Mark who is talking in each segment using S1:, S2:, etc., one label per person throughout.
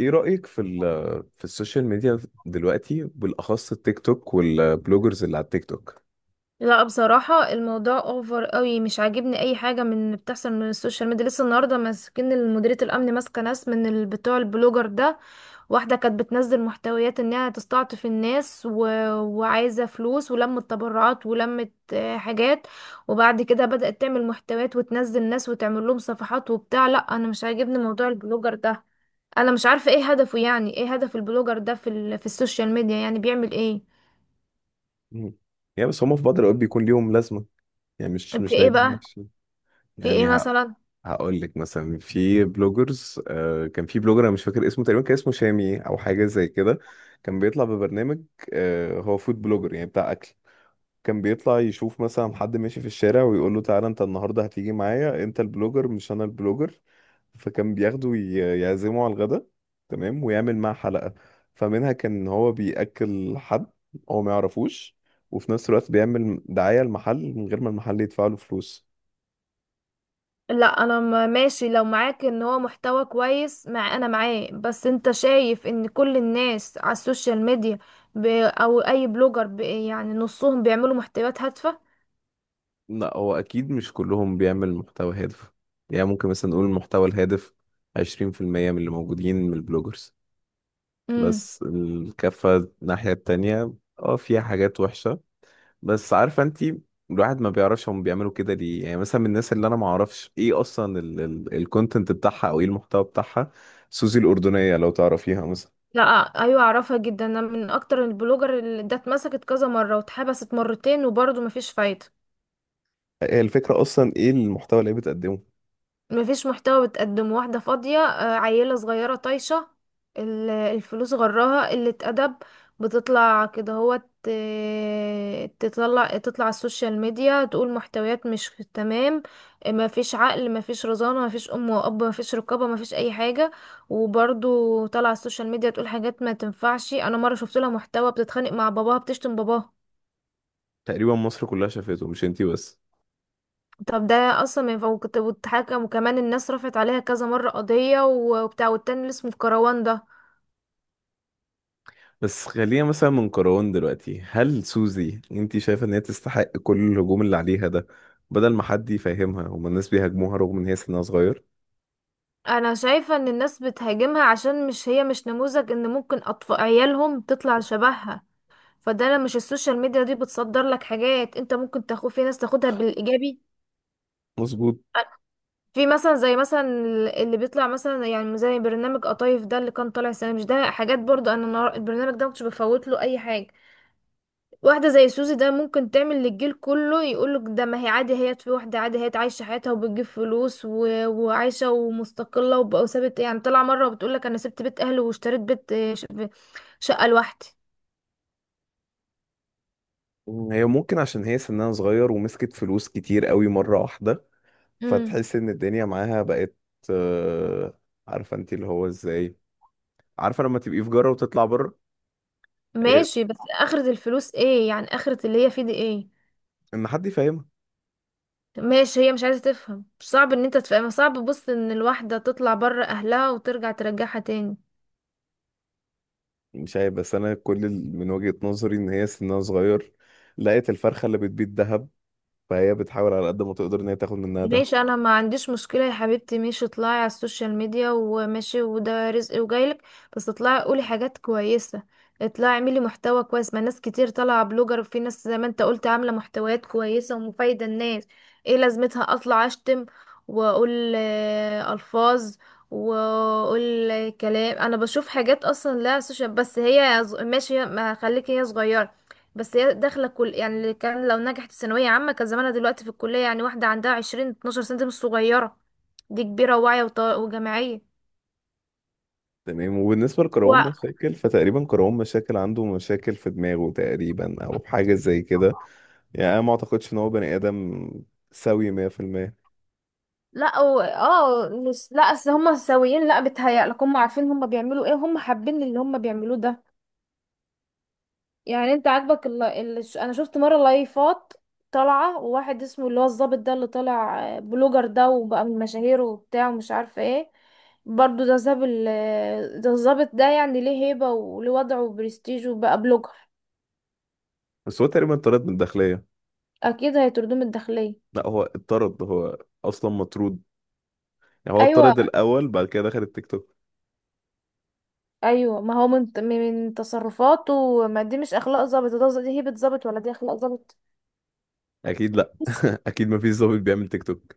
S1: ايه رأيك في السوشيال ميديا دلوقتي بالاخص التيك توك والبلوجرز اللي على التيك توك؟
S2: لا، بصراحة الموضوع اوفر قوي، مش عاجبني اي حاجة من اللي بتحصل من السوشيال ميديا. لسه النهاردة ماسكين مديرية الامن، ماسكة ناس من بتوع البلوجر ده. واحدة كانت بتنزل محتويات انها تستعطف الناس وعايزة فلوس ولمت تبرعات ولمت حاجات. وبعد كده بدأت تعمل محتويات وتنزل ناس وتعمل لهم صفحات وبتاع. لا، انا مش عاجبني موضوع البلوجر ده. انا مش عارفة ايه هدفه، يعني ايه هدف البلوجر ده في في السوشيال ميديا؟ يعني بيعمل ايه؟
S1: مم. يعني بس هم في بعض الاوقات بيكون ليهم لازمة، يعني مش
S2: في ايه
S1: دايما
S2: بقى؟
S1: وحشين.
S2: في ايه
S1: يعني ه...
S2: مثلا؟
S1: هقول لك مثلا في بلوجرز، كان في بلوجر، انا مش فاكر اسمه، تقريبا كان اسمه شامي او حاجة زي كده. كان بيطلع ببرنامج، هو فود بلوجر، يعني بتاع اكل. كان بيطلع يشوف مثلا حد ماشي في الشارع ويقول له تعالى انت النهارده هتيجي معايا، انت البلوجر مش انا البلوجر. فكان بياخده يعزمه على الغدا، تمام، ويعمل معاه حلقة. فمنها كان هو بيأكل حد هو ما يعرفوش، وفي نفس الوقت بيعمل دعاية المحل من غير ما المحل يدفع له فلوس.
S2: لا، انا ماشي لو معاك ان هو محتوى كويس، مع انا معاه، بس انت شايف ان كل الناس على السوشيال ميديا، او اي بلوجر، يعني نصهم بيعملوا محتويات هادفة.
S1: لا هو اكيد مش كلهم بيعمل محتوى هادف. يعني ممكن مثلا نقول المحتوى الهادف 20% من اللي موجودين من البلوجرز.
S2: امم.
S1: بس الكفة، الناحية التانية، اه فيها حاجات وحشة. بس عارفه انت، الواحد ما بيعرفش هم بيعملوا كده ليه، يعني مثلا من الناس اللي انا ما اعرفش ايه اصلا الكونتنت بتاعها او ايه المحتوى بتاعها، سوزي الاردنيه لو تعرفيها مثلا.
S2: لا. ايوه، اعرفها جدا. انا من اكتر البلوجر اللي ده، اتمسكت كذا مرة واتحبست مرتين، وبرضه مفيش فايدة.
S1: هي الفكره اصلا ايه المحتوى اللي هي بتقدمه؟
S2: مفيش محتوى بتقدمه، واحدة فاضية، عيلة صغيرة طايشة. الفلوس غراها قلة أدب. بتطلع كده هو، تطلع على السوشيال ميديا تقول محتويات مش تمام. مفيش عقل، مفيش رزانة، مفيش أم وأب، مفيش رقابة، مفيش أي حاجة. وبرضو طالعة على السوشيال ميديا تقول حاجات ما تنفعش. أنا مرة شفت لها محتوى، بتتخانق مع باباها، بتشتم باباها.
S1: تقريبا مصر كلها شافته مش انتي بس.
S2: طب ده اصلا ما ينفع، واتحكم، وكمان الناس رفعت عليها كذا مرة قضية وبتاع. والتاني اللي اسمه في كروان ده.
S1: بس خلينا مثلا من كروان دلوقتي، هل سوزي انتي شايفه ان هي تستحق كل الهجوم اللي عليها ده؟ بدل ما حد يفهمها هما الناس بيهاجموها رغم ان هي سنها صغير.
S2: انا شايفة ان الناس بتهاجمها عشان مش، هي مش نموذج ان ممكن اطفال عيالهم تطلع شبهها. فده لما مش، السوشيال ميديا دي بتصدر لك حاجات انت ممكن تاخد، في ناس تاخدها بالايجابي.
S1: مظبوط.
S2: في مثلا، زي مثلا، اللي بيطلع مثلا، يعني زي برنامج قطايف ده اللي كان طالع السنة، مش ده حاجات برضو. انا البرنامج ده مكنتش بفوت له اي حاجة. واحدة زي سوزي ده ممكن تعمل للجيل كله يقولك، ده ما هي عادي، هي، في واحدة عادي هي عايشة حياتها وبتجيب فلوس وعايشة ومستقلة وسابت، يعني طلع مرة وبتقولك أنا سبت بيت أهلي واشتريت بيت، شقة لوحدي.
S1: هي ممكن عشان هي سنها صغير ومسكت فلوس كتير قوي مره واحده،
S2: مم.
S1: فتحس ان الدنيا معاها بقت. آه، عارفه انت اللي هو ازاي، عارفه لما تبقي في جره وتطلع بره. إيه،
S2: ماشي، بس آخرة الفلوس ايه؟ يعني آخرة اللي هي فيه دي ايه؟
S1: ان حد يفهمها.
S2: ماشي، هي مش عايزة تفهم، صعب ان انت تفهم، صعب، بص، ان الواحدة تطلع بره أهلها وترجع ترجعها تاني.
S1: مش عارف، بس انا من وجهه نظري ان هي سنها صغير، لقيت الفرخه اللي بتبيض ذهب، فهي بتحاول على قد ما تقدر ان هي تاخد منها ده.
S2: ماشي، انا ما عنديش مشكلة يا حبيبتي، ماشي اطلعي على السوشيال ميديا، وماشي، وده رزق وجايلك. بس اطلعي قولي حاجات كويسة. اطلعي اعملي محتوى كويس، ما ناس كتير طالعة بلوجر، وفي ناس زي ما انت قلت عاملة محتويات كويسة ومفايدة الناس. ايه لازمتها اطلع اشتم، واقول الفاظ، واقول كلام؟ انا بشوف حاجات اصلا لا سوشيال. بس هي ماشي، ما خليكي، هي صغيرة. بس هي داخله كل، يعني اللي كان لو نجحت في ثانويه عامه كان زمانها دلوقتي في الكليه. يعني واحده عندها 20 سنة 12 سنة سنه، دي مش صغيره، دي كبيره وواعيه وجامعيه.
S1: تمام. وبالنسبه لكرهون
S2: و...
S1: مشاكل، فتقريبا كرهون مشاكل عنده مشاكل في دماغه تقريبا او حاجه زي كده. يعني انا ما اعتقدش ان هو بني ادم سوي 100%.
S2: لا لا، اصل هم سويين، لا بيتهيألك هم عارفين هم بيعملوا ايه، هم حابين اللي هم بيعملوه ده. يعني انت عاجبك انا شفت مره لايفات طالعه، وواحد اسمه اللي هو الظابط ده اللي طالع بلوجر ده، وبقى من مشاهير وبتاع ومش عارفه ايه. برضو ده ساب ده الظابط ده، يعني ليه هيبه وليه وضعه وبرستيج، وبقى بلوجر.
S1: بس هو تقريبا اتطرد من الداخليه.
S2: اكيد هيطردوه من الداخليه.
S1: لا هو اتطرد، هو اصلا مطرود، يعني هو
S2: ايوه.
S1: اتطرد الاول بعد كده دخل التيك توك.
S2: ايوه، ما هو من تصرفاته، ما دي مش اخلاق ظابط، ده دي هيبه ظابط ولا دي اخلاق ظابط؟
S1: اكيد لا. اكيد ما فيش ظابط بيعمل تيك توك.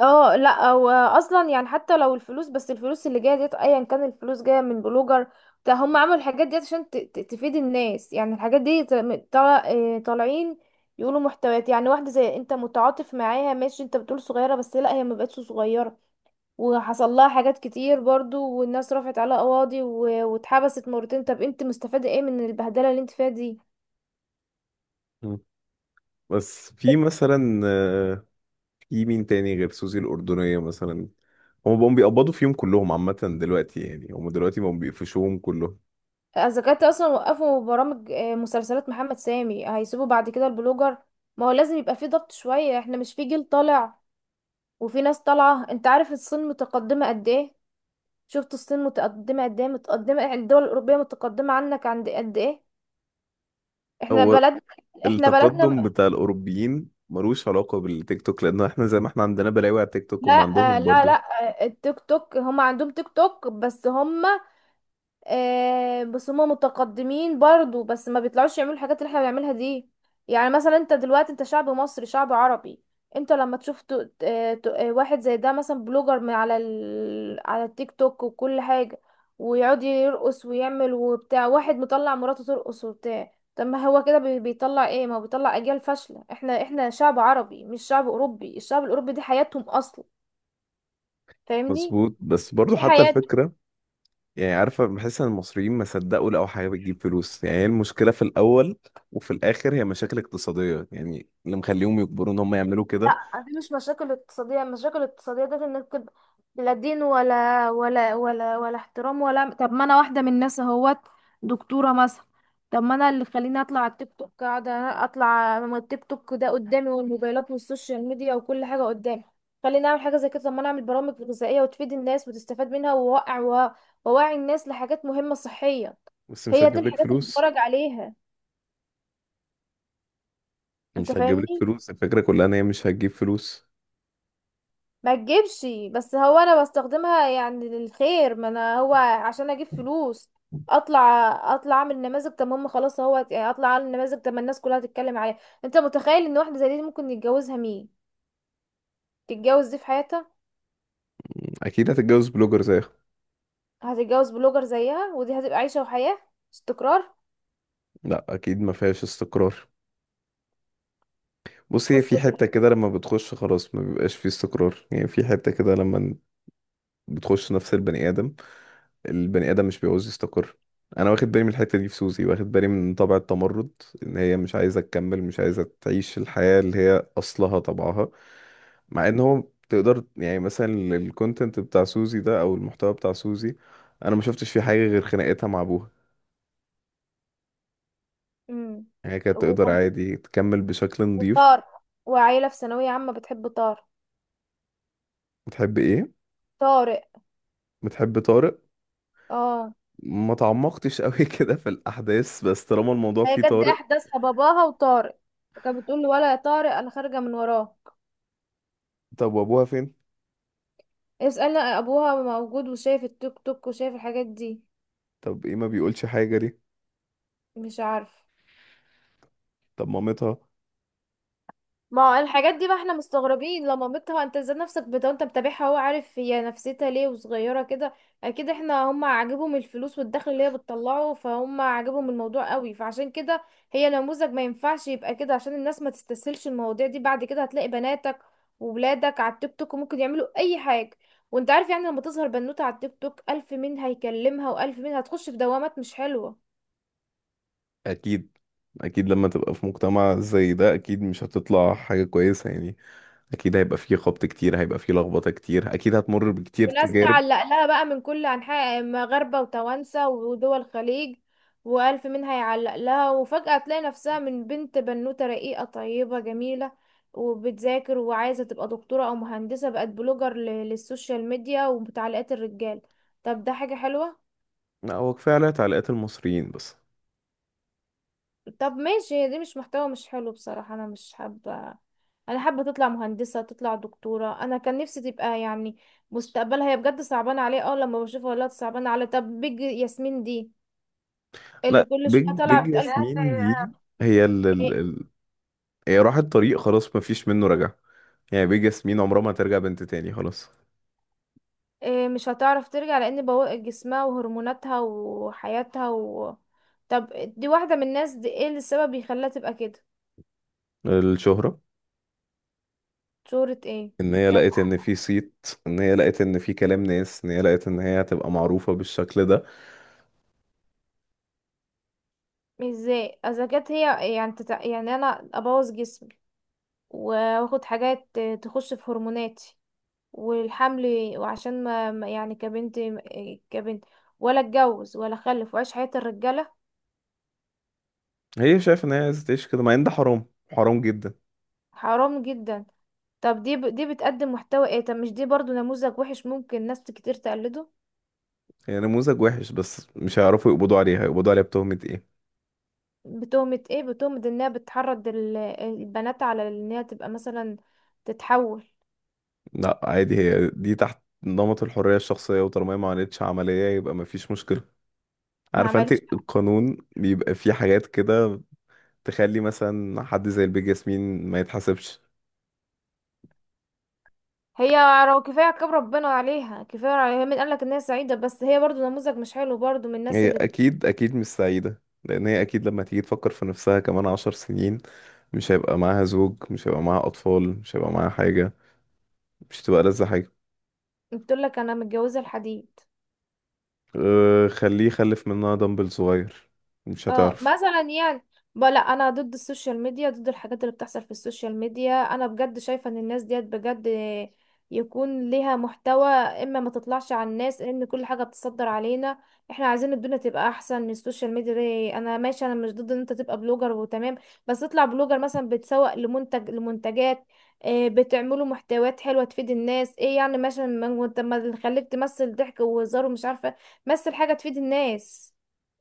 S2: اه، لا هو اصلا يعني، حتى لو الفلوس، بس الفلوس اللي جايه ديت ايا كان الفلوس جايه من بلوجر، ده هم عملوا الحاجات ديت عشان تفيد الناس. يعني الحاجات دي طالعين يقولوا محتويات، يعني واحده زي انت متعاطف معاها، ماشي انت بتقول صغيره، بس لا، هي ما بقتش صغيره. وحصل لها حاجات كتير برضو، والناس رفعت عليها قواضي واتحبست مرتين. طب انت مستفاده ايه من البهدله اللي انت فيها دي؟
S1: مم. بس في مثلا، في مين تاني غير سوزي الاردنيه مثلا؟ هم بقوا بيقبضوا فيهم كلهم عامه دلوقتي، يعني هم دلوقتي بقوا بيقفشوهم كلهم.
S2: اذا كانت اصلا وقفوا برامج، مسلسلات محمد سامي، هيسيبوا بعد كده البلوجر؟ ما هو لازم يبقى في ضغط شوية، احنا مش في جيل طالع وفي ناس طالعة. انت عارف الصين متقدمة قد ايه؟ شفت الصين متقدمة قد ايه، متقدمة يعني الدول الأوروبية متقدمة عنك عند قد ايه؟ احنا
S1: هو
S2: بلد، احنا بلدنا
S1: التقدم بتاع الاوروبيين ملوش علاقه بالتيك توك، لان احنا زي ما احنا عندنا بلاوي على التيك توك
S2: لا.
S1: هم عندهم
S2: لا، لا.
S1: برضو.
S2: التيك توك، هم عندهم تيك توك، بس هم، بس هما متقدمين برضو، بس ما بيطلعوش يعملوا الحاجات اللي احنا بنعملها دي. يعني مثلا انت دلوقتي، انت شعب مصري، شعب عربي. انت لما تشوف واحد زي ده، مثلا بلوجر من على على التيك توك وكل حاجة، ويقعد يرقص ويعمل وبتاع، واحد مطلع مراته ترقص وبتاع. طب ما هو كده بيطلع ايه؟ ما هو بيطلع اجيال فاشلة. احنا احنا شعب عربي مش شعب اوروبي، الشعب الاوروبي دي حياتهم اصلا. فاهمني؟
S1: مظبوط. بس برضو
S2: دي
S1: حتى
S2: حياتهم.
S1: الفكره، يعني عارفة، بحس ان المصريين ما صدقوا لقوا حاجة بتجيب فلوس، يعني هي المشكلة في الأول وفي الآخر هي مشاكل اقتصادية، يعني اللي مخليهم يجبروا ان هم يعملوا كده.
S2: لا، دي مش مشاكل اقتصادية، المشاكل الاقتصادية دي انك تبقى لا دين ولا احترام ولا. طب ما انا واحدة من الناس اهوت، دكتورة مثلا. طب ما انا اللي خليني اطلع على التيك توك، قاعدة اطلع، ما التيك توك ده قدامي والموبايلات والسوشيال ميديا وكل حاجة قدامي. خليني اعمل حاجة زي كده، طب ما انا اعمل برامج غذائية وتفيد الناس وتستفاد منها ووقع ووعي الناس لحاجات مهمة صحية.
S1: بس مش
S2: هي دي
S1: هتجيب لك
S2: الحاجات اللي
S1: فلوس.
S2: بتفرج عليها. انت
S1: مش هتجيب لك
S2: فاهمني؟
S1: فلوس، الفكرة كلها ان هي مش هتجيب فلوس.
S2: ما تجيبش. بس هو انا بستخدمها يعني للخير، ما انا هو عشان اجيب فلوس اطلع؟ اطلع اعمل نماذج، طب هم خلاص، هو يعني اطلع اعمل نماذج طب ما الناس كلها تتكلم عليها. انت متخيل ان واحده زي دي ممكن يتجوزها مين؟ تتجوز دي في حياتها؟
S1: أكيد هتتجوز بلوجر زيها.
S2: هتتجوز بلوجر زيها، ودي هتبقى عيشه وحياه، استقرار.
S1: لا أكيد ما فيهاش استقرار. بص هي
S2: بص،
S1: في حتة كده لما بتخش خلاص ما بيبقاش فيه استقرار، يعني في حتة كده لما بتخش نفس البني آدم، البني ادم مش بيعوز يستقر. انا واخد بالي من الحته دي في سوزي، واخد بالي من طبع التمرد، ان هي مش عايزه تكمل، مش عايزه تعيش الحياه اللي هي اصلها طبعها. مع ان هو تقدر يعني مثلا الكونتنت بتاع سوزي ده او المحتوى بتاع سوزي، انا ما شفتش فيه حاجه غير خناقتها مع ابوها.
S2: امم،
S1: يعني هي كانت تقدر عادي تكمل بشكل نظيف.
S2: وطار، وعيله في ثانويه عامه، بتحب طار،
S1: بتحب ايه؟
S2: طارق.
S1: بتحب طارق.
S2: اه،
S1: ما تعمقتش قوي كده في الاحداث، بس طالما الموضوع
S2: هي
S1: فيه
S2: كانت دي
S1: طارق.
S2: احداثها، باباها وطارق. كانت بتقول له، ولا يا طارق انا خارجه من وراه.
S1: طب وابوها فين؟
S2: اسألنا، ابوها موجود وشايف التيك توك وشايف الحاجات دي.
S1: طب ايه، ما بيقولش حاجه ليه؟
S2: مش عارف.
S1: طب مامتها؟
S2: ما هو الحاجات دي بقى، احنا مستغربين لما، مامتها انت ازاي نفسك بتاع انت متابعها، هو عارف هي نفسيتها ليه وصغيرة كده؟ اكيد، احنا هم عاجبهم الفلوس والدخل اللي هي بتطلعه، فهم عاجبهم الموضوع قوي، فعشان كده هي نموذج ما ينفعش يبقى كده، عشان الناس ما تستسهلش المواضيع دي. بعد كده هتلاقي بناتك وولادك على التيك توك، وممكن يعملوا اي حاجة. وانت عارف يعني، لما تظهر بنوتة على التيك توك الف مين هيكلمها، والف مين هتخش في دوامات مش حلوة.
S1: اكيد اكيد لما تبقى في مجتمع زي ده اكيد مش هتطلع حاجة كويسة، يعني اكيد هيبقى فيه خبط كتير، هيبقى فيه لخبطة كتير، اكيد هتمر بكتير
S2: وناس
S1: تجارب.
S2: تعلق لها بقى من كل أنحاء، مغاربة وتوانسة ودول الخليج، وألف منها يعلق لها، وفجأة تلاقي نفسها من بنت بنوتة رقيقة طيبة جميلة وبتذاكر وعايزة تبقى دكتورة أو مهندسة، بقت بلوجر للسوشيال ميديا وبتعليقات الرجال. طب ده حاجة حلوة؟
S1: لا هو كفاية عليها تعليقات المصريين بس.
S2: طب ماشي، هي دي مش محتوى، مش حلو بصراحة، أنا مش حابة. أنا حابة تطلع مهندسة، تطلع دكتورة، أنا كان نفسي تبقى، يعني مستقبلها هي بجد صعبانة عليه. اه، لما بشوفها والله صعبانة على. طب بيج ياسمين دي، اللي
S1: لا
S2: كل
S1: بيج
S2: شويه
S1: بيج
S2: طالعه بتقول،
S1: ياسمين دي، هي ال ال
S2: إيه؟
S1: ال هي راحت طريق خلاص مفيش منه رجع. يعني بيج ياسمين عمرها ما ترجع بنت تاني، خلاص.
S2: إيه، مش هتعرف ترجع، لان بوق جسمها وهرموناتها وحياتها طب، دي واحده من الناس، دي ايه اللي السبب بيخليها تبقى كده؟
S1: الشهرة.
S2: شهرة ايه؟
S1: ان هي
S2: طب،
S1: لقت ان في صيت، ان هي لقت ان في كلام ناس، ان هي لقت ان هي هتبقى معروفة بالشكل ده.
S2: ازاي اذا كانت هي يعني يعني انا ابوظ جسمي، واخد حاجات تخش في هرموناتي والحمل، وعشان ما يعني كبنت، كبنت، ولا اتجوز ولا اخلف واعيش حياة الرجاله؟
S1: هي شايفة ان هي عايزة تعيش كده مع ان ده حرام، حرام جدا.
S2: حرام جدا. طب دي دي بتقدم محتوى ايه؟ طب مش دي برضو نموذج وحش ممكن ناس كتير تقلده؟
S1: هي نموذج وحش بس مش هيعرفوا يقبضوا عليها، يقبضوا عليها بتهمة ايه؟
S2: بتهمة ايه؟ بتهمة انها بتحرض البنات على انها تبقى مثلا تتحول.
S1: لا عادي هي دي تحت نمط الحرية الشخصية، وطالما هي ما عملتش عملية يبقى ما فيش مشكلة.
S2: ما
S1: عارفة انت
S2: عملتش.
S1: القانون بيبقى فيه حاجات كده، تخلي مثلا حد زي البيج ياسمين ما يتحاسبش.
S2: هي لو، كفاية كتاب ربنا عليها، كفاية عليها، مين قالك انها سعيدة؟ بس هي برضو نموذج مش حلو برضو، من الناس
S1: هي
S2: اللي
S1: اكيد اكيد مش سعيدة، لان هي اكيد لما تيجي تفكر في نفسها كمان 10 سنين، مش هيبقى معاها زوج، مش هيبقى معاها اطفال، مش هيبقى معاها حاجة، مش هتبقى لذة حاجة.
S2: بتقولك انا متجوزة الحديد.
S1: أه خليه يخلف منها دمبل صغير. مش
S2: اه،
S1: هتعرف.
S2: مثلا يعني، لا، انا ضد السوشيال ميديا، ضد الحاجات اللي بتحصل في السوشيال ميديا. انا بجد شايفة ان الناس ديت بجد يكون ليها محتوى، اما ما تطلعش على الناس ان كل حاجة بتصدر علينا. احنا عايزين الدنيا تبقى احسن. السوشيال ميديا دي، انا ماشي، انا مش ضد ان انت تبقى بلوجر وتمام. بس اطلع بلوجر مثلا بتسوق لمنتج، لمنتجات، إيه، بتعملوا محتويات حلوة تفيد الناس. ايه يعني مثلا وانت ما تخليك تمثل ضحك وهزار ومش عارفة. مثل حاجة تفيد الناس.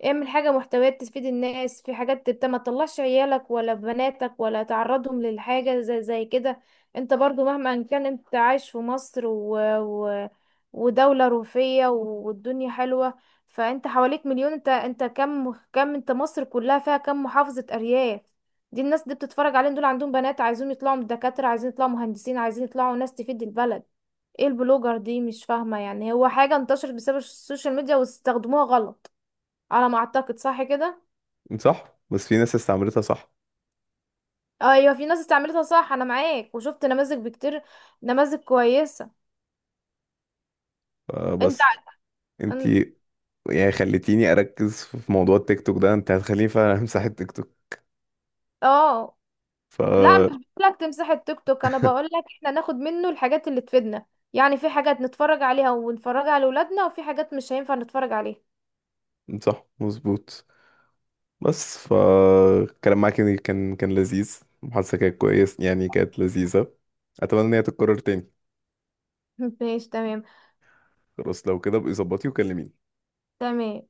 S2: اعمل حاجة، محتويات تفيد الناس في حاجات تبت، ما تطلعش عيالك ولا بناتك ولا تعرضهم للحاجة زي كده. انت برضو مهما كان انت عايش في مصر ودولة روفية والدنيا حلوة. فانت حواليك مليون، انت كم، انت مصر كلها فيها كم محافظة، ارياف. دي الناس دي بتتفرج عليهم، دول عندهم بنات عايزين يطلعوا دكاترة، عايزين يطلعوا مهندسين، عايزين يطلعوا ناس تفيد البلد. ايه البلوجر دي مش فاهمة، يعني هو حاجة انتشرت بسبب السوشيال ميديا واستخدموها غلط، على ما اعتقد، صح كده؟
S1: صح، بس في ناس استعملتها صح.
S2: ايوه، في ناس استعملتها صح، انا معاك وشفت نماذج بكتير، نماذج كويسه. انت،
S1: بس
S2: أن-
S1: انتي يعني خليتيني اركز في موضوع التيك توك ده، انت هتخليني فعلا امسح التيك توك.
S2: اه،
S1: ف
S2: لا مش، بقولك تمسح التيك توك؟ انا بقولك احنا ناخد منه الحاجات اللي تفيدنا. يعني في حاجات نتفرج عليها ونفرجها على ولادنا، وفي حاجات مش هينفع نتفرج عليها.
S1: صح مظبوط. بس الكلام معاك يعني كان لذيذ، المحادثة كانت كويس يعني كانت لذيذة، اتمنى ان هي تتكرر تاني.
S2: ماشي، تمام.
S1: خلاص لو كده بقى ظبطي وكلميني.
S2: تمام.